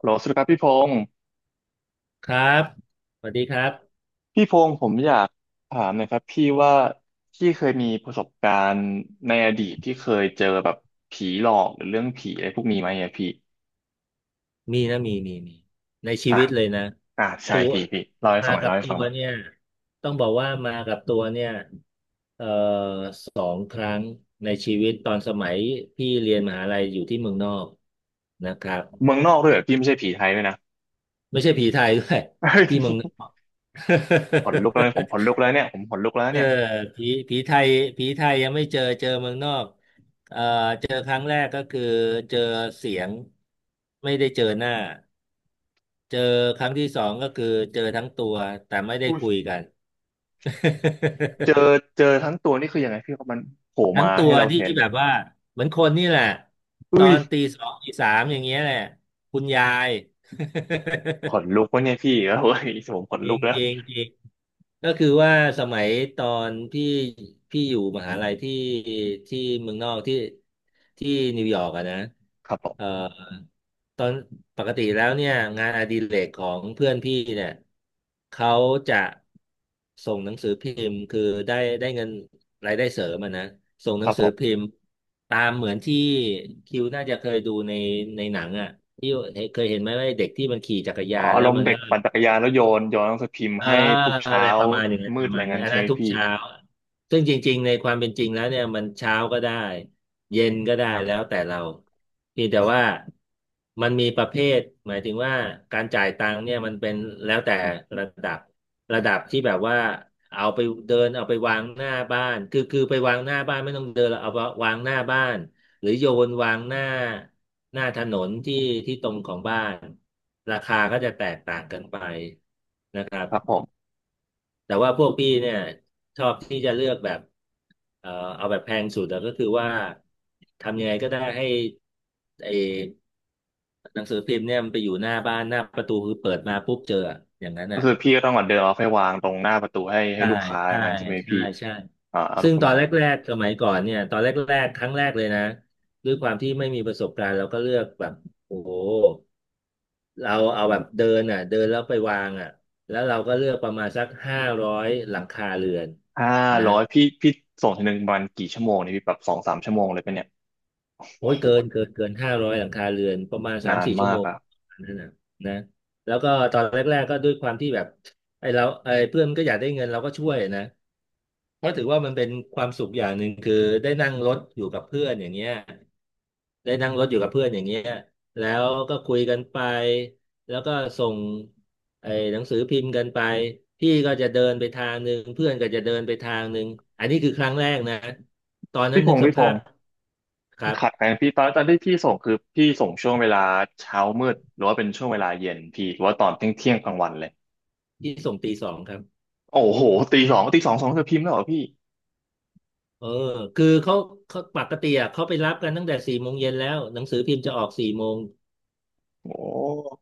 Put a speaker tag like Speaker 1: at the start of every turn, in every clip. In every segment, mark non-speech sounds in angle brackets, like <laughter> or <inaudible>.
Speaker 1: โหลสวัสดีครับพี่พงศ์
Speaker 2: ครับสวัสดีครับ
Speaker 1: พี่พงศ์ผมอยากถามหนะครับพี่ว่าพี่เคยมีประสบการณ์ในอดีตที่เคยเจอแบบผีหลอกหรือเรื่องผีอะไรพวกนี้ไหมอะพี่
Speaker 2: มีนะมีมีมี ในชี
Speaker 1: อ่ะ
Speaker 2: วิตเลยนะ
Speaker 1: อ่ะใช่
Speaker 2: ตัว
Speaker 1: พี่พี่เล่าให้
Speaker 2: มา
Speaker 1: ฟังหน่อย
Speaker 2: กับ
Speaker 1: เล่าให้
Speaker 2: ตั
Speaker 1: ฟัง
Speaker 2: ว
Speaker 1: หน่อย
Speaker 2: เนี่ยต้องบอกว่ามากับตัวเนี่ยเอ่อ2 ครั้งในชีวิต ตอนสมัยพี่เรียนมหาลัยอยู่ที่เมืองนอกนะครับ
Speaker 1: เมืองนอกด้วยเหรอพี่ไม่ใช่ผีไทยด้วยนะ
Speaker 2: ไม่ใช่ผีไทยด้วย
Speaker 1: เฮ้ย
Speaker 2: ที่เมืองนอ
Speaker 1: <laughs>
Speaker 2: ก
Speaker 1: ขนลุกแล้วผมขนลุกแล้ว
Speaker 2: <laughs>
Speaker 1: เนี่ยผมขนลุกแล้ว
Speaker 2: เออ
Speaker 1: เนี่ย
Speaker 2: ผีผีไทยผีไทยยังไม่เจอ เจอเมืองนอกเอ่อเจอครั้งแรกก็คือเจอเสียง ไม่ได้เจอหน้า เจอครั้งที่สองก็คือเจอทั้งตัวแต่ไม่ได้
Speaker 1: อุ้ย
Speaker 2: คุยกัน
Speaker 1: เจอ
Speaker 2: <laughs>
Speaker 1: เจอทั้งตัวนี่คือยังไงพี่ครับมันโผล่
Speaker 2: ทั้ง
Speaker 1: มา
Speaker 2: ตั
Speaker 1: ให้
Speaker 2: ว
Speaker 1: เรา
Speaker 2: ที่
Speaker 1: เห็น
Speaker 2: แบบว่าเหมือนคนนี่แหละตอ
Speaker 1: อุ้ย
Speaker 2: นตี 2 ตี 3อย่างเงี้ยแหละคุณยาย <laughs>
Speaker 1: ขนลุกวะเนี่ยพี่เอ้ยผมขน
Speaker 2: จ
Speaker 1: ลุ
Speaker 2: ริ
Speaker 1: ก
Speaker 2: ง
Speaker 1: แล้ว
Speaker 2: จริงจริง ก็คือว่าสมัยตอนพี่อยู่มหาลัยที่เมืองนอกที่นิวยอร์กอะนะ
Speaker 1: ครับผ
Speaker 2: เอ่อ
Speaker 1: ม
Speaker 2: ตอนปกติแล้วเนี่ยงานอดิเรกของเพื่อนพี่เนี่ยเขาจะส่งหนังสือพิมพ์คือได้ได้เงินรายได้เสริมอะนะส่งห
Speaker 1: ค
Speaker 2: นั
Speaker 1: รั
Speaker 2: ง
Speaker 1: บผ
Speaker 2: สือ
Speaker 1: ม
Speaker 2: พิมพ์ตามเหมือนที่คิวน่าจะเคยดูในหนังอะที่เคยเห็นไหมว่าเด็กที่มันขี่จักร
Speaker 1: อ๋
Speaker 2: ยา
Speaker 1: อ
Speaker 2: น
Speaker 1: อา
Speaker 2: แล้
Speaker 1: ร
Speaker 2: ว
Speaker 1: มณ์
Speaker 2: มัน
Speaker 1: เด็ก
Speaker 2: ก็
Speaker 1: ปั่นจักรยานแล้วโยนโยนหนังสือพิมพ์
Speaker 2: เออ
Speaker 1: ให้ทุก
Speaker 2: อะ
Speaker 1: เช้า
Speaker 2: ไรประมาณอย่างนั้น
Speaker 1: มื
Speaker 2: ป
Speaker 1: ด
Speaker 2: ระ
Speaker 1: อะไร
Speaker 2: มาณนี้
Speaker 1: งั้น
Speaker 2: อัน
Speaker 1: ใช่
Speaker 2: นั้
Speaker 1: ไหม
Speaker 2: นทุก
Speaker 1: พี่
Speaker 2: เช้าซึ่งจริงๆในความเป็นจริงแล้วเนี่ยมันเช้าก็ได้เย็นก็ได้แล้วแต่เราเพียงแต่ว่ามันมีประเภทหมายถึงว่าการจ่ายตังค์เนี่ยมันเป็นแล้วแต่ระดับระดับที่แบบว่าเอาไปเดินเอาไปวางหน้าบ้านคือไปวางหน้าบ้านไม่ต้องเดินเราเอาวางหน้าบ้านหรือโยนวางหน้าถนนที่ตรงของบ้านราคาก็จะแตกต่างกันไป
Speaker 1: ครับผม
Speaker 2: แต่ว่าพวกพี่เนี่ยชอบที่จะเลือกแบบเอ่อเอาแบบแพงสุดอะก็คือว่าทำยังไงก็ได้ให้ไอหนังสือพิมพ์เนี่ยมันไปอยู่หน้าบ้านหน้าประตูคือเปิดมาปุ๊บเจออะอย่างนั้น
Speaker 1: ก็
Speaker 2: อ่ะ
Speaker 1: คือพี่ก็ต้องเาเดินเอาไปวางตรงหน้าประตูให้ให้
Speaker 2: ใช่
Speaker 1: ลูกค้าอ
Speaker 2: ใช่
Speaker 1: ย่างนั้นใช่ไหม
Speaker 2: ใช่
Speaker 1: พี่
Speaker 2: ใช่
Speaker 1: อ่าอาร
Speaker 2: ซึ่
Speaker 1: มณ์
Speaker 2: ง
Speaker 1: ประ
Speaker 2: ตอ
Speaker 1: มา
Speaker 2: น
Speaker 1: ณ
Speaker 2: แร
Speaker 1: นั้น
Speaker 2: กๆสมัยก่อนเนี่ยตอนแรกๆครั้งแรกเลยนะด้วยความที่ไม่มีประสบการณ์เราก็เลือกแบบโอ้โหเราเอาแบบเดินอ่ะเดินแล้วไปวางอ่ะแล้วเราก็เลือกประมาณสักห้าร้อยหลังคาเรือน
Speaker 1: ห้า
Speaker 2: นะ
Speaker 1: ร้อยพี่พี่ส่งทีหนึ่งประมาณกี่ชั่วโมงนี่พี่แบบสองสามชั่วโมงเลยปะเนี่ย
Speaker 2: โอ้
Speaker 1: โอ้
Speaker 2: ย
Speaker 1: โห
Speaker 2: เกินห้าร้อยหลังคาเรือนประมาณสาม
Speaker 1: นาน
Speaker 2: สี่ชั่ว
Speaker 1: มา
Speaker 2: โม
Speaker 1: ก
Speaker 2: ง
Speaker 1: อะ
Speaker 2: นั่นนะนะแล้วก็ตอนแรกๆก็ด้วยความที่แบบไอ้เพื่อนมันก็อยากได้เงินเราก็ช่วยนะเพราะถือว่ามันเป็นความสุขอย่างหนึ่งคือได้นั่งรถอยู่กับเพื่อนอย่างเงี้ยได้นั่งรถอยู่กับเพื่อนอย่างเงี้ยแล้วก็คุยกันไปแล้วก็ส่งไอ้หนังสือพิมพ์กันไปพี่ก็จะเดินไปทางหนึ่งเพื่อนก็จะเดินไปทางหนึ่งอันนี้คือครั้งแรกนะตอนนั้
Speaker 1: พี่
Speaker 2: น
Speaker 1: พ
Speaker 2: นึก
Speaker 1: งศ์
Speaker 2: ส
Speaker 1: พี่พ
Speaker 2: ภา
Speaker 1: ง
Speaker 2: พ
Speaker 1: ศ์
Speaker 2: ค
Speaker 1: พี่
Speaker 2: รับ
Speaker 1: ขัดกันพี่ตอนตอนที่พี่ส่งคือพี่ส่งช่วงเวลาเช้ามืดหรือว่าเป็นช่วงเวลาเย็นพี่หรือว่าตอนเที่ยงเที่ยงกลางวันเลย
Speaker 2: ที่ส่งตี 2ครับ
Speaker 1: โอ้โหตีสองตีสองสองเธอพิมพ์แล้วเหรอพี่
Speaker 2: เออคือเขาปกติอ่ะเขาไปรับกันตั้งแต่สี่โมงเย็นแล้วหนังสือพิมพ์จะออกสี่โมง
Speaker 1: โอ้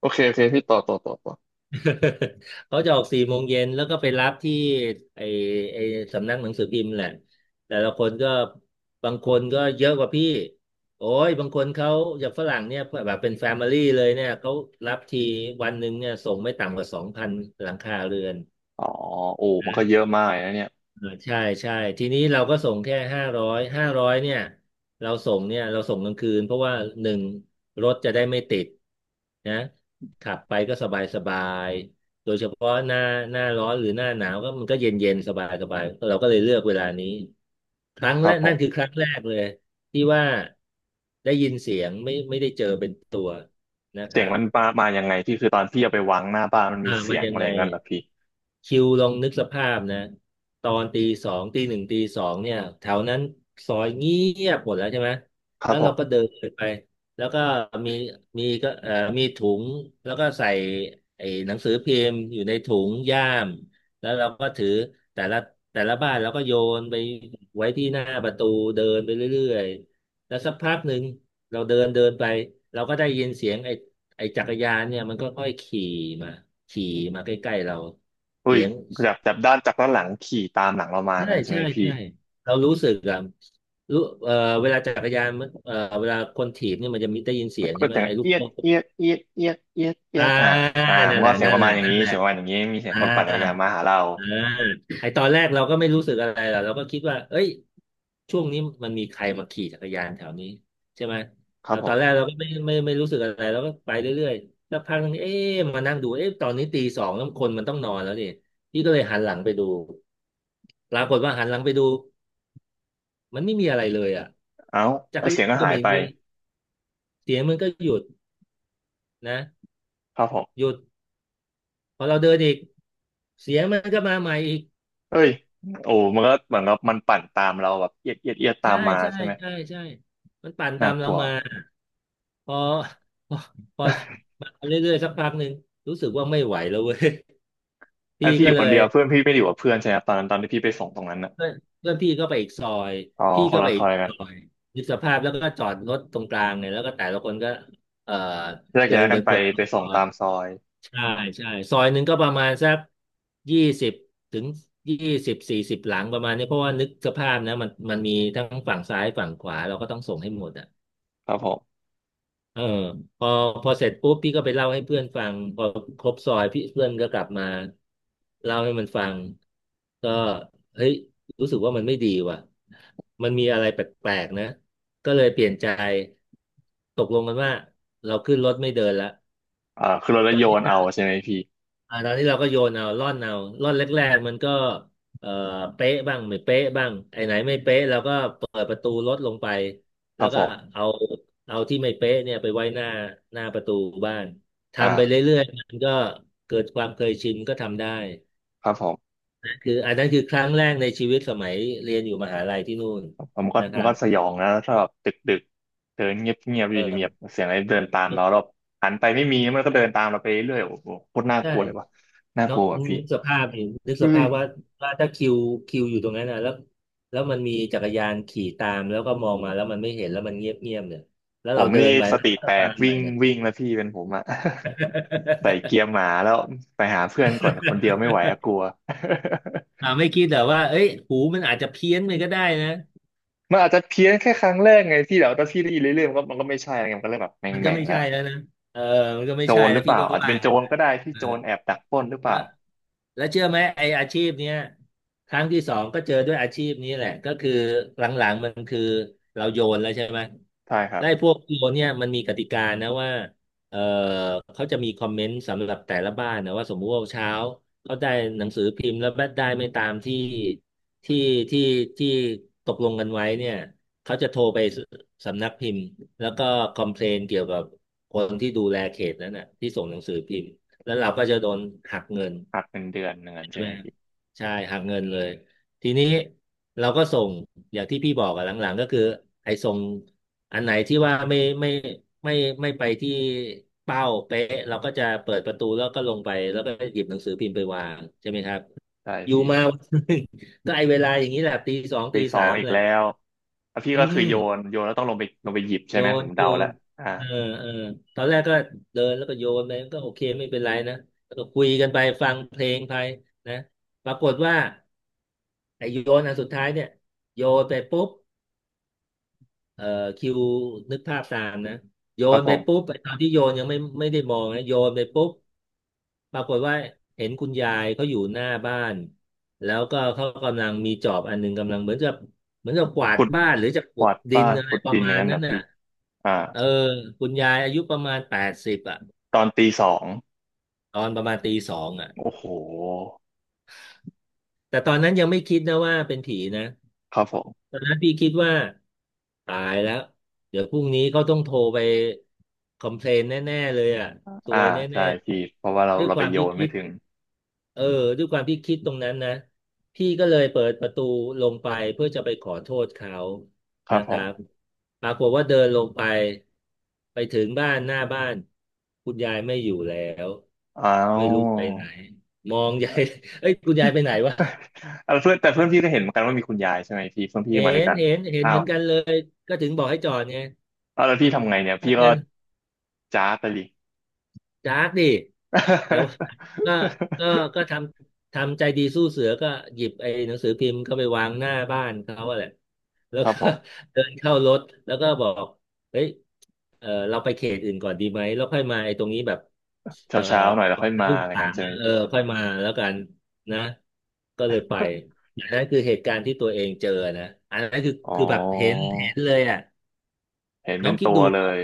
Speaker 1: โอเคโอเคพี่ต่อต่อต่อต่อ
Speaker 2: <laughs> เขาจะออกสี่โมงเย็นแล้วก็ไปรับที่ไอไอสำนักหนังสือพิมพ์แหละแต่ละคนก็บางคนก็เยอะกว่าพี่โอ้ยบางคนเขาอย่างฝรั่งเนี่ยแบบเป็นแฟมิลี่เลยเนี่ยเขารับทีวันหนึ่งเนี่ยส่งไม่ต่ำกว่า2,000 หลังคาเรือน
Speaker 1: อ๋อโอ้มันก็เยอะมากเลยนะเนี่ย
Speaker 2: เออใช่ใช่ทีนี้เราก็ส่งแค่ห้าร้อยห้าร้อยเนี่ยเราส่งเนี่ยเราส่งกลางคืนเพราะว่าหนึ่งรถจะได้ไม่ติดนะขับไปก็สบายสบายโดยเฉพาะหน้าร้อนหรือหน้าหนาวก็มันก็เย็นเย็นสบายสบายเราก็เลยเลือกเวลานี้ครั้ง
Speaker 1: ค
Speaker 2: แร
Speaker 1: รับ
Speaker 2: ก
Speaker 1: ผ
Speaker 2: นั่
Speaker 1: ม
Speaker 2: นคือครั้งแรกเลยที่ว่าได้ยินเสียงไม่ได้เจอเป็นตัวนะค
Speaker 1: เสียง
Speaker 2: รับ
Speaker 1: มันมามายังไงพี่คือตอนพี่เอาไปวางหน้าบ้านมัน
Speaker 2: อ่า
Speaker 1: มีเสี
Speaker 2: มา
Speaker 1: ยง
Speaker 2: ยั
Speaker 1: อะ
Speaker 2: ง
Speaker 1: ไร
Speaker 2: ไง
Speaker 1: อย่างนั้นเหรอพี่
Speaker 2: คิวลองนึกสภาพนะตอนตีสองตีสองเนี่ยแถวนั้นซอยเงียบหมดแล้วใช่ไหม
Speaker 1: ครั
Speaker 2: แล้
Speaker 1: บ
Speaker 2: ว
Speaker 1: ผ
Speaker 2: เราก็
Speaker 1: ม
Speaker 2: เดินไปแล้วก็มีมีก็เอ่อมีถุงแล้วก็ใส่ไอ้หนังสือพิมพ์อยู่ในถุงย่ามแล้วเราก็ถือแต่ละแต่ละบ้านเราก็โยนไปไว้ที่หน้าประตูเดินไปเรื่อยๆแล้วสักพักหนึ่งเราเดินเดินไปเราก็ได้ยินเสียงไอ้ไอ้จักรยานเนี่ยมันก็ค่อยขี่มาขี่มาใกล้ๆเรา
Speaker 1: อุ้ย
Speaker 2: เสียง
Speaker 1: แบบจากด้านจากด้านหลังขี่ตามหลังเรามา
Speaker 2: ใช่
Speaker 1: งั้นใช่ไห
Speaker 2: ใช่
Speaker 1: มพี่
Speaker 2: ใช่เรารู้สึกอะรู้เวลาจักรยานมันเวลาคนถีบเนี่ยมันจะมีได้ยินเสียงใช่
Speaker 1: ก็
Speaker 2: ไหม
Speaker 1: เสียง
Speaker 2: ไอ้ลูก
Speaker 1: เอียด
Speaker 2: โซ่
Speaker 1: เอียดเอียดเอียดเอียดเอีย
Speaker 2: อ่า
Speaker 1: ดอ่ะอ่า
Speaker 2: นั่
Speaker 1: มั
Speaker 2: น
Speaker 1: น
Speaker 2: แห
Speaker 1: ก็
Speaker 2: ละ
Speaker 1: เสียง
Speaker 2: นั่
Speaker 1: ป
Speaker 2: น
Speaker 1: ระ
Speaker 2: แห
Speaker 1: มาณ
Speaker 2: ละ
Speaker 1: อย่าง
Speaker 2: นั่น
Speaker 1: นี้
Speaker 2: แหละ
Speaker 1: เสียงประมาณอย่างนี้มีเสียง
Speaker 2: อ่า
Speaker 1: คนปั่นจักรยานมาหาเรา
Speaker 2: อ่าไอ้ตอนแรกเราก็ไม่รู้สึกอะไรหรอกเราก็คิดว่าเอ้ยช่วงนี้มันมีใครมาขี่จักรยานแถวนี้ใช่ไหม
Speaker 1: ครั
Speaker 2: เรา
Speaker 1: บผ
Speaker 2: ตอน
Speaker 1: ม
Speaker 2: แรกเราก็ไม่รู้สึกอะไรเราก็ไปเรื่อยๆสักพักนึงเอ๊ะมานั่งดูเอ๊ะตอนนี้ตีสองแล้วคนมันต้องนอนแล้วดิพี่ก็เลยหันหลังไปดูปรากฏว่าหันหลังไปดูมันไม่มีอะไรเลยอ่ะ
Speaker 1: เอ้า
Speaker 2: จัก
Speaker 1: แล้ว
Speaker 2: ร
Speaker 1: เสี
Speaker 2: ยา
Speaker 1: ยง
Speaker 2: น
Speaker 1: ก็
Speaker 2: ก็
Speaker 1: หาย
Speaker 2: ไม่
Speaker 1: ไป
Speaker 2: มีเสียงมันก็หยุดนะ
Speaker 1: ครับผม
Speaker 2: หยุดพอเราเดินอีกเสียงมันก็มาใหม่อีก
Speaker 1: เอ้ยโอ้มันก็เหมือนกับมันปั่นตามเราแบบเอียดเอียดเอียดตา
Speaker 2: ใช่
Speaker 1: มมา
Speaker 2: ใช่
Speaker 1: ใช่ไหม
Speaker 2: ใช่ใช่มันปั่นตา
Speaker 1: น่า
Speaker 2: ม
Speaker 1: ก
Speaker 2: เรา
Speaker 1: ลัว
Speaker 2: มาพอพอพอมาเรื่อยๆสักพักหนึ่งรู้สึกว่าไม่ไหวแล้วเว้ย <laughs>
Speaker 1: แล้
Speaker 2: พี่
Speaker 1: วพี่อ
Speaker 2: ก็
Speaker 1: ยู่
Speaker 2: เล
Speaker 1: คน
Speaker 2: ย
Speaker 1: เดียวเพื่อนพี่ไม่ได้อยู่กับเพื่อนใช่ไหมครับตอนนั้นตอนที่พี่ไปส่งตรงนั้นน่ะ
Speaker 2: เพื่อนเพื่อนพี่ก็ไปอีกซอย
Speaker 1: อ๋อ
Speaker 2: พี่
Speaker 1: ค
Speaker 2: ก็
Speaker 1: น
Speaker 2: ไป
Speaker 1: ละซ
Speaker 2: อีก
Speaker 1: อยกัน
Speaker 2: ซอยยึดสภาพแล้วก็จอดรถตรงกลางเนี่ยแล้วก็แต่ละคนก็เอ่อ
Speaker 1: แยก
Speaker 2: เดิ
Speaker 1: ย้าย
Speaker 2: น
Speaker 1: กั
Speaker 2: กั
Speaker 1: น
Speaker 2: น
Speaker 1: ไป
Speaker 2: คนละ
Speaker 1: ไป
Speaker 2: ซ
Speaker 1: ส่ง
Speaker 2: อย
Speaker 1: ตามซอย
Speaker 2: ใช่ใช่ซอยหนึ่งก็ประมาณสักยี่สิบถึงยี่สิบ40หลังประมาณนี้เพราะว่านึกสภาพนะมันมีทั้งฝั่งซ้ายฝั่งขวาเราก็ต้องส่งให้หมดอ่ะ
Speaker 1: ครับผม
Speaker 2: เออพอพอเสร็จปุ๊บพี่ก็ไปเล่าให้เพื่อนฟังพอครบซอยพี่เพื่อนก็กลับมาเล่าให้มันฟังก็เฮ้ยรู้สึกว่ามันไม่ดีว่ะมันมีอะไรแปลกๆนะก็เลยเปลี่ยนใจตกลงกันว่าเราขึ้นรถไม่เดินละ
Speaker 1: อ่าคือเราแล้วโยนเอาใช่ไหมพี่
Speaker 2: อ่าตอนนี้เราก็โยนเอาร่อนเอาร่อนแรกๆมันก็เอ่อเป๊ะบ้างไม่เป๊ะบ้างไอ้ไหนไม่เป๊ะเราก็เปิดประตูรถลงไป
Speaker 1: ค
Speaker 2: แล้
Speaker 1: รั
Speaker 2: ว
Speaker 1: บผ
Speaker 2: ก็
Speaker 1: ม
Speaker 2: เอาเอาที่ไม่เป๊ะเนี่ยไปไว้หน้าหน้าประตูบ้านทำไป
Speaker 1: อ่า
Speaker 2: เรื่อยๆมันก็เกิดความเคยชินก็ทำได้
Speaker 1: ครับผม
Speaker 2: คืออันนั้นคือครั้งแรกในชีวิตสมัยเรียนอยู่มหาลัยที่นู่น
Speaker 1: ผมันก็
Speaker 2: นะค
Speaker 1: มัน
Speaker 2: รั
Speaker 1: ก็
Speaker 2: บ
Speaker 1: สยองนะถ้าแบบดึกดึกเดินเงียบเงียบอ
Speaker 2: เอ
Speaker 1: ยู่เงี
Speaker 2: อ
Speaker 1: ยบเสียงอะไรเดินตามเราเราหันไปไม่มีมันก็เดินตามเราไปเรื่อยโอ้โหโคตรน่าก
Speaker 2: ใช่
Speaker 1: ลัวเลยว่ะน่าก
Speaker 2: เนาะ
Speaker 1: ลัวอ่ะพี่
Speaker 2: นึกสภาพเห็นนึกส
Speaker 1: เฮ้
Speaker 2: ภา
Speaker 1: ย
Speaker 2: พว่าถ้าคิวอยู่ตรงนั้นนะแล้วมันมีจักรยานขี่ตามแล้วก็มองมาแล้วมันไม่เห็นแล้วมันเงียบเงียบเนี่ยแล้ว
Speaker 1: ผ
Speaker 2: เรา
Speaker 1: ม
Speaker 2: เดิ
Speaker 1: นี่
Speaker 2: นไป
Speaker 1: ส
Speaker 2: แล้ว
Speaker 1: ติ
Speaker 2: ก็
Speaker 1: แต
Speaker 2: มา
Speaker 1: ก
Speaker 2: ให
Speaker 1: วิ่
Speaker 2: ม่
Speaker 1: ง
Speaker 2: เนี่ย
Speaker 1: วิ่งแล้วพี่เป็นผมอะ <laughs> ใส่เกียร์หมาแล้วไปหาเพื่อนก่อนคนเดียวไม่
Speaker 2: <laughs>
Speaker 1: ไหวอะกลัว
Speaker 2: อ่าไม่คิดแต่ว่าเอ้ยหูมันอาจจะเพี้ยนไปก็ได้นะ
Speaker 1: <laughs> มันอาจจะเพี้ยนแค่ครั้งแรกไงพี่แต่ว่าถ้าพี่ได้ยินเรื่อยๆมันก็มันก็ไม่ใช่ไงมันก็เลยแบบแหม่ง
Speaker 2: มันก็
Speaker 1: แม่ง
Speaker 2: ไม่
Speaker 1: แล้ว
Speaker 2: ใช่แล้วนะเออมันก็ไม่
Speaker 1: โจ
Speaker 2: ใช่
Speaker 1: รห
Speaker 2: แล้
Speaker 1: รื
Speaker 2: ว
Speaker 1: อเป
Speaker 2: พี่
Speaker 1: ล่า
Speaker 2: ก็
Speaker 1: อาจจะ
Speaker 2: ว่า
Speaker 1: เป็นโจรก็ได้ที่โจรแอบดักปล้นหรือเปล่า
Speaker 2: แล้วแล้วเชื่อไหมไออาชีพเนี้ยครั้งที่สองก็เจอด้วยอาชีพนี้แหละก็คือหลังๆมันคือเราโยนแล้วใช่ไหม
Speaker 1: ใช่ครับ
Speaker 2: ได้วไอ้พวกโยนเนี่ยมันมีกติกานะว่าเออเขาจะมีคอมเมนต์สำหรับแต่ละบ้านนะว่าสมมุติว่าเช้าเขาได้หนังสือพิมพ์แล้วได้ไม่ตามที่ที่ที่ที่ตกลงกันไว้เนี่ยเขาจะโทรไปสำนักพิมพ์แล้วก็คอมเพลนเกี่ยวกับคนที่ดูแลเขตนั้นน่ะที่ส่งหนังสือพิมพ์ แล้วเราก็จะโดนหักเงิน
Speaker 1: หักเป็นเดือนหนึ่งเงน
Speaker 2: ใช่
Speaker 1: ใช่
Speaker 2: ไห
Speaker 1: ไห
Speaker 2: ม
Speaker 1: ม
Speaker 2: ฮะ
Speaker 1: พี่
Speaker 2: ใช่หักเงินเลยทีนี้เราก็ส่งอย่างที่พี่บอกอะหลังๆก็คือไอ้ส่งอันไหนที่ว่าไม่ไม่ไปที่เป้าเป๊ะเราก็จะเปิดประตูแล้วก็ลงไปแล้วก็หยิบหนังสือพิมพ์ไปวางใช่ไหมครับ
Speaker 1: ใช่
Speaker 2: อยู่
Speaker 1: พี่
Speaker 2: มาวันหนึ่ง <laughs> ก็ไอ้เวลาอย่างนี้แหละตีสอง
Speaker 1: ปี
Speaker 2: ตี
Speaker 1: สอ
Speaker 2: สา
Speaker 1: ง
Speaker 2: ม
Speaker 1: อีก
Speaker 2: เลย
Speaker 1: แล้วแล้วพี่
Speaker 2: อื
Speaker 1: ก็คือ
Speaker 2: ม
Speaker 1: โยนโยนแล้วต้องลงไปลงไปหยิบใช่
Speaker 2: โย
Speaker 1: ไหมผ
Speaker 2: น
Speaker 1: ม
Speaker 2: โย
Speaker 1: เดาแล้
Speaker 2: น
Speaker 1: วอ่า
Speaker 2: เออเออตอนแรกก็เดินแล้วก็โยนไปก็โอเคไม่เป็นไรนะแล้วก็คุยกันไปฟังเพลงไปนะปรากฏว่าไอ้โยนอันสุดท้ายเนี่ยโยนไปปุ๊บเอ่อคิวนึกภาพตามนะโย
Speaker 1: ครับ
Speaker 2: น
Speaker 1: ผ
Speaker 2: ไปปุ๊บ
Speaker 1: ม
Speaker 2: ไอ้ตอนที่โยนยังไม่ได้มองนะโยนไปปุ๊บ ปรากฏว่าเห็นคุณยายเขาอยู่หน้าบ้านแล้วก็เขากำลังมีจอบอันหนึงกำลังเหมือนจะกวาด
Speaker 1: ขุด
Speaker 2: บ้านหรือจะ
Speaker 1: ก
Speaker 2: ขุด
Speaker 1: วาด
Speaker 2: ดิ
Speaker 1: บ้า
Speaker 2: น
Speaker 1: น
Speaker 2: อะไร
Speaker 1: ขุด
Speaker 2: ประ
Speaker 1: ดินอ
Speaker 2: มา
Speaker 1: ย่าง
Speaker 2: ณ
Speaker 1: นั้น
Speaker 2: นั้น
Speaker 1: นะ
Speaker 2: น่ะ
Speaker 1: พี่อ่า
Speaker 2: เออคุณยายอายุประมาณ80อ่ะ
Speaker 1: ตอนตีสอง
Speaker 2: ตอนประมาณตีสองอ่ะ
Speaker 1: โอ้โห
Speaker 2: แต่ตอนนั้นยังไม่คิดนะว่าเป็นผีนะ
Speaker 1: ครับผม
Speaker 2: ตอนนั้นพี่คิดว่าตายแล้วเดี๋ยวพรุ่งนี้เขาต้องโทรไปคอมเพลนแน่ๆเลยอ่ะซ
Speaker 1: อ่า
Speaker 2: วยแน
Speaker 1: ใช่
Speaker 2: ่ๆเลย
Speaker 1: พี่เพราะว่าเรา
Speaker 2: ด้วย
Speaker 1: เรา
Speaker 2: ค
Speaker 1: ไป
Speaker 2: วาม
Speaker 1: โย
Speaker 2: ที่
Speaker 1: นไม่
Speaker 2: คิด
Speaker 1: ถึง
Speaker 2: เออด้วยความที่คิดตรงนั้นนะพี่ก็เลยเปิดประตูลงไปเพื่อจะไปขอโทษเขา
Speaker 1: ครั
Speaker 2: นะ
Speaker 1: บผ
Speaker 2: ครับ
Speaker 1: ม
Speaker 2: ปรากฏว่าเดินลงไปไปถึงบ้านหน้าบ้านคุณยายไม่อยู่แล้ว
Speaker 1: อ้า
Speaker 2: ไม่
Speaker 1: ว
Speaker 2: รู้ไปไหนมองยาย <laughs> เอ้ยคุณยายไปไหนวะ
Speaker 1: <laughs> เอ่เพื่อนแต่เพื่อนพี่ก็เห็นเหมือนกันว่ามีคุณยายใช่ไหมพี่เพื่อนพี่
Speaker 2: เห็
Speaker 1: มาด้วย
Speaker 2: น
Speaker 1: กัน
Speaker 2: เห็นเห็น
Speaker 1: อ้า
Speaker 2: เหมื
Speaker 1: ว
Speaker 2: อนกันเลยก็ถึงบอกให้จอดไง
Speaker 1: เอาแล้วพี่ทำไงเนี่ยพี่ก็
Speaker 2: เงิน
Speaker 1: จ้าไปดิ
Speaker 2: จากดิแต่ว่า <laughs> ก็ก็
Speaker 1: <laughs>
Speaker 2: ก็ทำใจดีสู้เสือก็หยิบไอ้หนังสือพิมพ์เข้าไปวางหน้าบ้านเขาอะแหละ แล้ว
Speaker 1: ครับ
Speaker 2: ก็
Speaker 1: ผม
Speaker 2: <laughs> เดินเข้ารถแล้วก็บอกเฮ้ยเออเราไปเขตอื่นก่อนดีไหม แล้วค่อยมาไอ้ตรงนี้แบบเอ
Speaker 1: เช้า
Speaker 2: อ
Speaker 1: เช้าหน่อยแล้ว
Speaker 2: ก่อ
Speaker 1: ค่
Speaker 2: น
Speaker 1: อย
Speaker 2: จะ
Speaker 1: มา
Speaker 2: ลูก
Speaker 1: อะไร
Speaker 2: สา
Speaker 1: กัน
Speaker 2: ม
Speaker 1: ใช่ไห
Speaker 2: อะ
Speaker 1: ม
Speaker 2: เออ
Speaker 1: พี่
Speaker 2: ค่อยมาแล้วกันนะ ก็เลยไป อันนั้นคือเหตุการณ์ที่ตัวเองเจอนะ อันนั้นคือ
Speaker 1: <laughs> อ๋
Speaker 2: คือแบบเห็น
Speaker 1: อ
Speaker 2: เห็นเลยอ่ะ
Speaker 1: เห็น
Speaker 2: น้
Speaker 1: เป็
Speaker 2: อ
Speaker 1: น
Speaker 2: งคิ
Speaker 1: ตั
Speaker 2: ด
Speaker 1: ว
Speaker 2: ดู
Speaker 1: เล
Speaker 2: อะ
Speaker 1: ย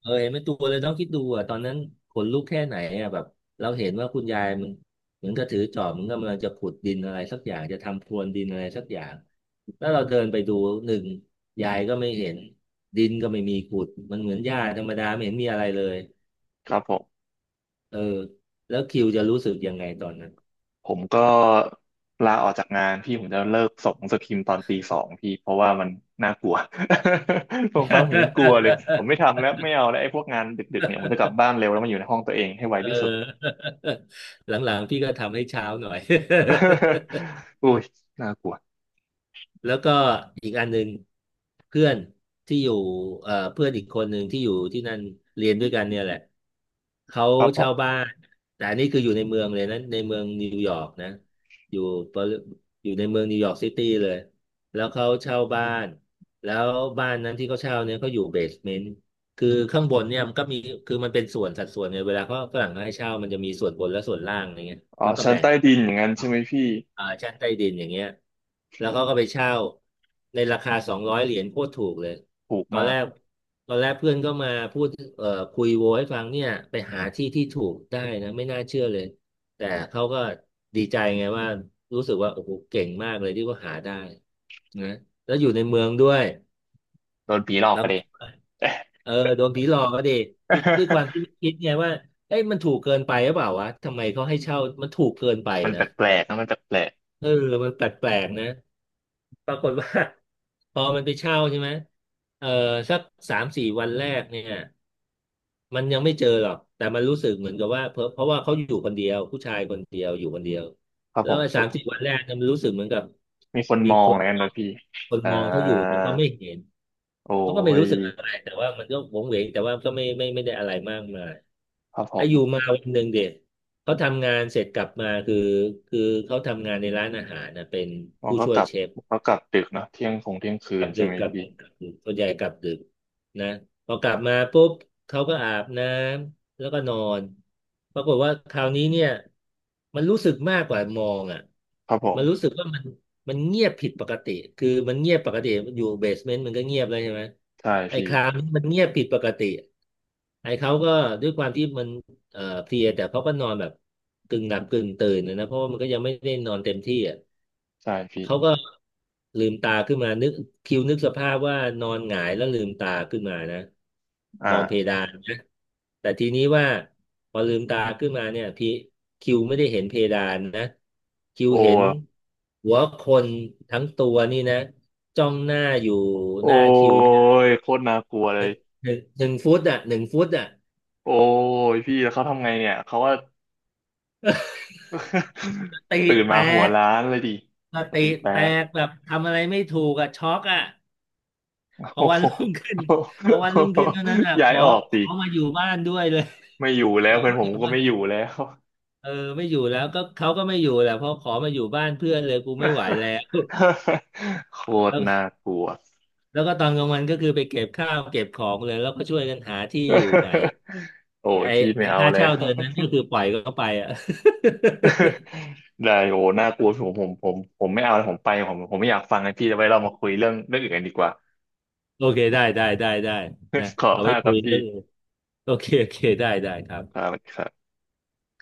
Speaker 2: เออเห็นเป็นตัวเลยน้องคิดดูอ่ะตอนนั้นขนลุกแค่ไหนอ่ะแบบเราเห็นว่าคุณยายมันเหมือนกับถือจอบเหมือนกำลังจะขุดดินอะไรสักอย่างจะทำพรวนดินอะไรสักอย่างแล้วเราเดินไปดูหนึ่งยายก็ไม่เห็นดินก็ไม่มีขุดมันเหมือนหญ้าธรรมดาไม่เห็นมีอะไรเลย
Speaker 1: ครับผม
Speaker 2: เออแล้วคิวจะรู้สึกยังไงตอนนั้น
Speaker 1: ผมก็ลาออกจากงานพี่ผมจะเลิกส่งหนังสือพิมพ์ตอนตีสองพี่เพราะว่ามันน่ากลัว <laughs> ผมฟังผมยังกลัวเลยผมไม่
Speaker 2: <laughs>
Speaker 1: ทำแล้วไม่เอาแล้วไอ้พวกงานดึกๆเนี่ยผมจะกลับบ้านเร็วแล้วมาอยู่ในห้องตัวเองให้ไว
Speaker 2: เออ
Speaker 1: ที่สุด
Speaker 2: <laughs> หลังๆพี่ก็ทำให้เช้าหน่อย
Speaker 1: <laughs> อุ้ยน่ากลัว
Speaker 2: แล้วก็อีกอันหนึ่งเพื่อนที่อยู่เพื่อนอีกคนหนึ่งที่อยู่ที่นั่นเรียนด้วยกันเนี่ยแหละเขา
Speaker 1: ครับผ
Speaker 2: เช่าบ้า
Speaker 1: ม
Speaker 2: นแต่อันนี้คืออยู่ในเมืองเลยนะในเมืองนิวยอร์กนะอยู่ปริอยู่ในเมืองนิวยอร์กซิตี้เลยแล้วเขาเช่าบ้านแล้วบ้านนั้นที่เขาเช่าเนี่ยเขาอยู่เบสเมนต์คือข้างบนเนี่ยมันก็มีมันเป็นส่วนสัดส่วนเนี่ยเวลาเขาฝรั่งเขาให้เช่ามันจะมีส่วนบนและส่วนล่างอะไรเงี้ย
Speaker 1: อ๋อ
Speaker 2: แล้วก็
Speaker 1: ชั้น
Speaker 2: แบ่ง
Speaker 1: ใต้ดินอย่างนั้นใช่ไหมพี่
Speaker 2: อ่าชั้นใต้ดินอย่างเงี้ยแล้วเขาก็ไปเช่าในราคา$200โคตรถูกเลย
Speaker 1: ถูก
Speaker 2: ตอน
Speaker 1: มา
Speaker 2: แร
Speaker 1: ก
Speaker 2: กเอ่อคุยโวให้ฟังเนี่ยไปหาที่ที่ถูกได้นะไม่น่าเชื่อเลยแต่เขาก็ดีใจไงว่ารู้สึกว่าโอ้โหเก่งมากเลยที่เขาหาได้นะแล้วอยู่ในเมืองด้วย
Speaker 1: โดนผีหลอก
Speaker 2: แล้
Speaker 1: ไป
Speaker 2: ว
Speaker 1: เลย
Speaker 2: เออโดนผีหลอกก็ดีคือด้วยความที่
Speaker 1: <laughs>
Speaker 2: คิดไงว่าเอ้ยมันถูกเกินไปหรือเปล่าวะทำไมเขาให้เช่ามันถูกเกินไป
Speaker 1: มันแป
Speaker 2: นะ
Speaker 1: ลกๆนะมันแปลก
Speaker 2: เออมันแปลกๆนะ ปรากฏว่า <laughs> พอมันไปเช่าใช่ไหมเออสักสามสี่วันแรกเนี่ยมันยังไม่เจอหรอกแต่มันรู้สึกเหมือนกับว่าเพราะว่าเขาอยู่คนเดียวผู้ชายคนเดียวอยู่คนเดียว
Speaker 1: ๆครับ
Speaker 2: แล้
Speaker 1: ผ
Speaker 2: ว
Speaker 1: ม
Speaker 2: สามสี่วันแรกเนี่ยมันรู้สึกเหมือนกับ
Speaker 1: มีคน
Speaker 2: มี
Speaker 1: มองอะไรกันโดยพี่
Speaker 2: คน
Speaker 1: อ่า
Speaker 2: มองเขาอยู่แต่เขาไม่เห็น
Speaker 1: โอ้
Speaker 2: เขาก็ไม่
Speaker 1: ย
Speaker 2: รู้สึกอะไรแต่ว่ามันก็หวงเหวงแต่ว่าก็ไม่ได้อะไรมากมาย
Speaker 1: ครับผ
Speaker 2: อายุ
Speaker 1: ม
Speaker 2: มาวันหนึ่งเด็กเขาทำงานเสร็จกลับมาคือเขาทำงานในร้านอาหารนะเป็น
Speaker 1: อ๋อ
Speaker 2: ผู้
Speaker 1: ก็
Speaker 2: ช่ว
Speaker 1: ก
Speaker 2: ย
Speaker 1: ลับ
Speaker 2: เชฟ
Speaker 1: ก็กลับดึกเนอะเที่ยงคงเที่ยงคื
Speaker 2: กลั
Speaker 1: น
Speaker 2: บ
Speaker 1: ใช่
Speaker 2: ดึก
Speaker 1: ไหม
Speaker 2: กลับ
Speaker 1: พี่
Speaker 2: ดึกกลับดึกส่วนใหญ่กลับดึกนะพอกลับมาปุ๊บเขาก็อาบน้ำแล้วก็นอนปรากฏว่าคราวนี้เนี่ยมันรู้สึกมากกว่ามองอ่ะ
Speaker 1: ครับผ
Speaker 2: มันรู้
Speaker 1: ม
Speaker 2: สึกว่ามันเงียบผิดปกติคือมันเงียบปกติอยู่เบสเมนต์มันก็เงียบแล้วใช่ไหม
Speaker 1: ใช่
Speaker 2: ไอ้
Speaker 1: พี่
Speaker 2: คราวนี้มันเงียบผิดปกติไอ้เขาก็ด้วยความที่มันเพลียแต่เขาก็นอนแบบกึ่งหลับกึ่งตื่นนะเพราะว่ามันก็ยังไม่ได้นอนเต็มที่อ่ะ
Speaker 1: ใช่พี่
Speaker 2: เขาก็ลืมตาขึ้นมานึกคิวนึกสภาพว่านอนหงายแล้วลืมตาขึ้นมานะมองเพ
Speaker 1: อ่า
Speaker 2: ดานนะแต่ทีนี้ว่าพอลืมตาขึ้นมาเนี่ยพี่คิวไม่ได้เห็นเพดานนะคิว
Speaker 1: โอ้
Speaker 2: เห็นหัวคนทั้งตัวนี่นะจ้องหน้าอยู่
Speaker 1: โอ้
Speaker 2: หน้าคิวเนี่ย
Speaker 1: ยโคตรน่ากลัวเล
Speaker 2: ห
Speaker 1: ย
Speaker 2: นึ่งหนึ่งฟุตอ่ะหนึ่งฟุตอ่ะ
Speaker 1: โอ้ยพี่แล้วเขาทำไงเนี่ยเขาว่า
Speaker 2: ตี
Speaker 1: <laughs> ตื่น
Speaker 2: แต
Speaker 1: มาหัว
Speaker 2: ก
Speaker 1: ล้านเลยดิสติ
Speaker 2: ตี
Speaker 1: แต
Speaker 2: แต
Speaker 1: ก
Speaker 2: กแบบทำอะไรไม่ถูกอ่ะช็อกอ่ะ
Speaker 1: <laughs>
Speaker 2: พอ
Speaker 1: โอ้
Speaker 2: วั
Speaker 1: โห
Speaker 2: นรุ่งขึ้น <laughs> พอวันรุ่งขึ้นเท่านั้นอ่ะ
Speaker 1: ย้ายออก
Speaker 2: ข
Speaker 1: ดิ
Speaker 2: อมาอยู่บ้านด้วยเลย
Speaker 1: ไม่อยู่แล้
Speaker 2: <laughs> ข
Speaker 1: ว
Speaker 2: อ
Speaker 1: เพื่อน
Speaker 2: มา
Speaker 1: ผ
Speaker 2: อ
Speaker 1: ม
Speaker 2: ยู่
Speaker 1: ก็
Speaker 2: บ้าน
Speaker 1: ไม่อยู่แล้ว
Speaker 2: เออไม่อยู่แล้วก็เขาก็ไม่อยู่แหละเพราะขอมาอยู่บ้านเพื่อนเลยกูไม่ไหวแล้
Speaker 1: <laughs>
Speaker 2: ว
Speaker 1: โค
Speaker 2: <laughs>
Speaker 1: ต
Speaker 2: แล้
Speaker 1: ร
Speaker 2: ว
Speaker 1: น่ากลัว
Speaker 2: แล้วก็ตอนกลางวันก็คือไปเก็บข้าวเก็บของเลยแล้วก็ช่วยกันหาที่อยู่ใหม่
Speaker 1: <laughs> โอ้ย
Speaker 2: ไอ้
Speaker 1: พี่ไม่
Speaker 2: ไอ้
Speaker 1: เอา
Speaker 2: ค่า
Speaker 1: แล้
Speaker 2: เช่า
Speaker 1: ว
Speaker 2: เดือนนั้นก็คือปล่อยเขาไปอ่ะ
Speaker 1: <laughs> ได้โอ้น่ากลัวผมผมผมผมไม่เอาแล้วผมไปผมผมไม่อยากฟังนะพี่เอาไว้เรามาคุยเรื่องเรื่องอื่นกันดีกว่า
Speaker 2: <laughs> โอเคได้ได้ได้ได้นะ
Speaker 1: <laughs> ขอบ
Speaker 2: เอา
Speaker 1: คุณ
Speaker 2: ไว้
Speaker 1: มากค
Speaker 2: คุ
Speaker 1: รั
Speaker 2: ย
Speaker 1: บพี่
Speaker 2: เรื่องอื่นโอเคโอเคได้ได้ครับ
Speaker 1: ครับ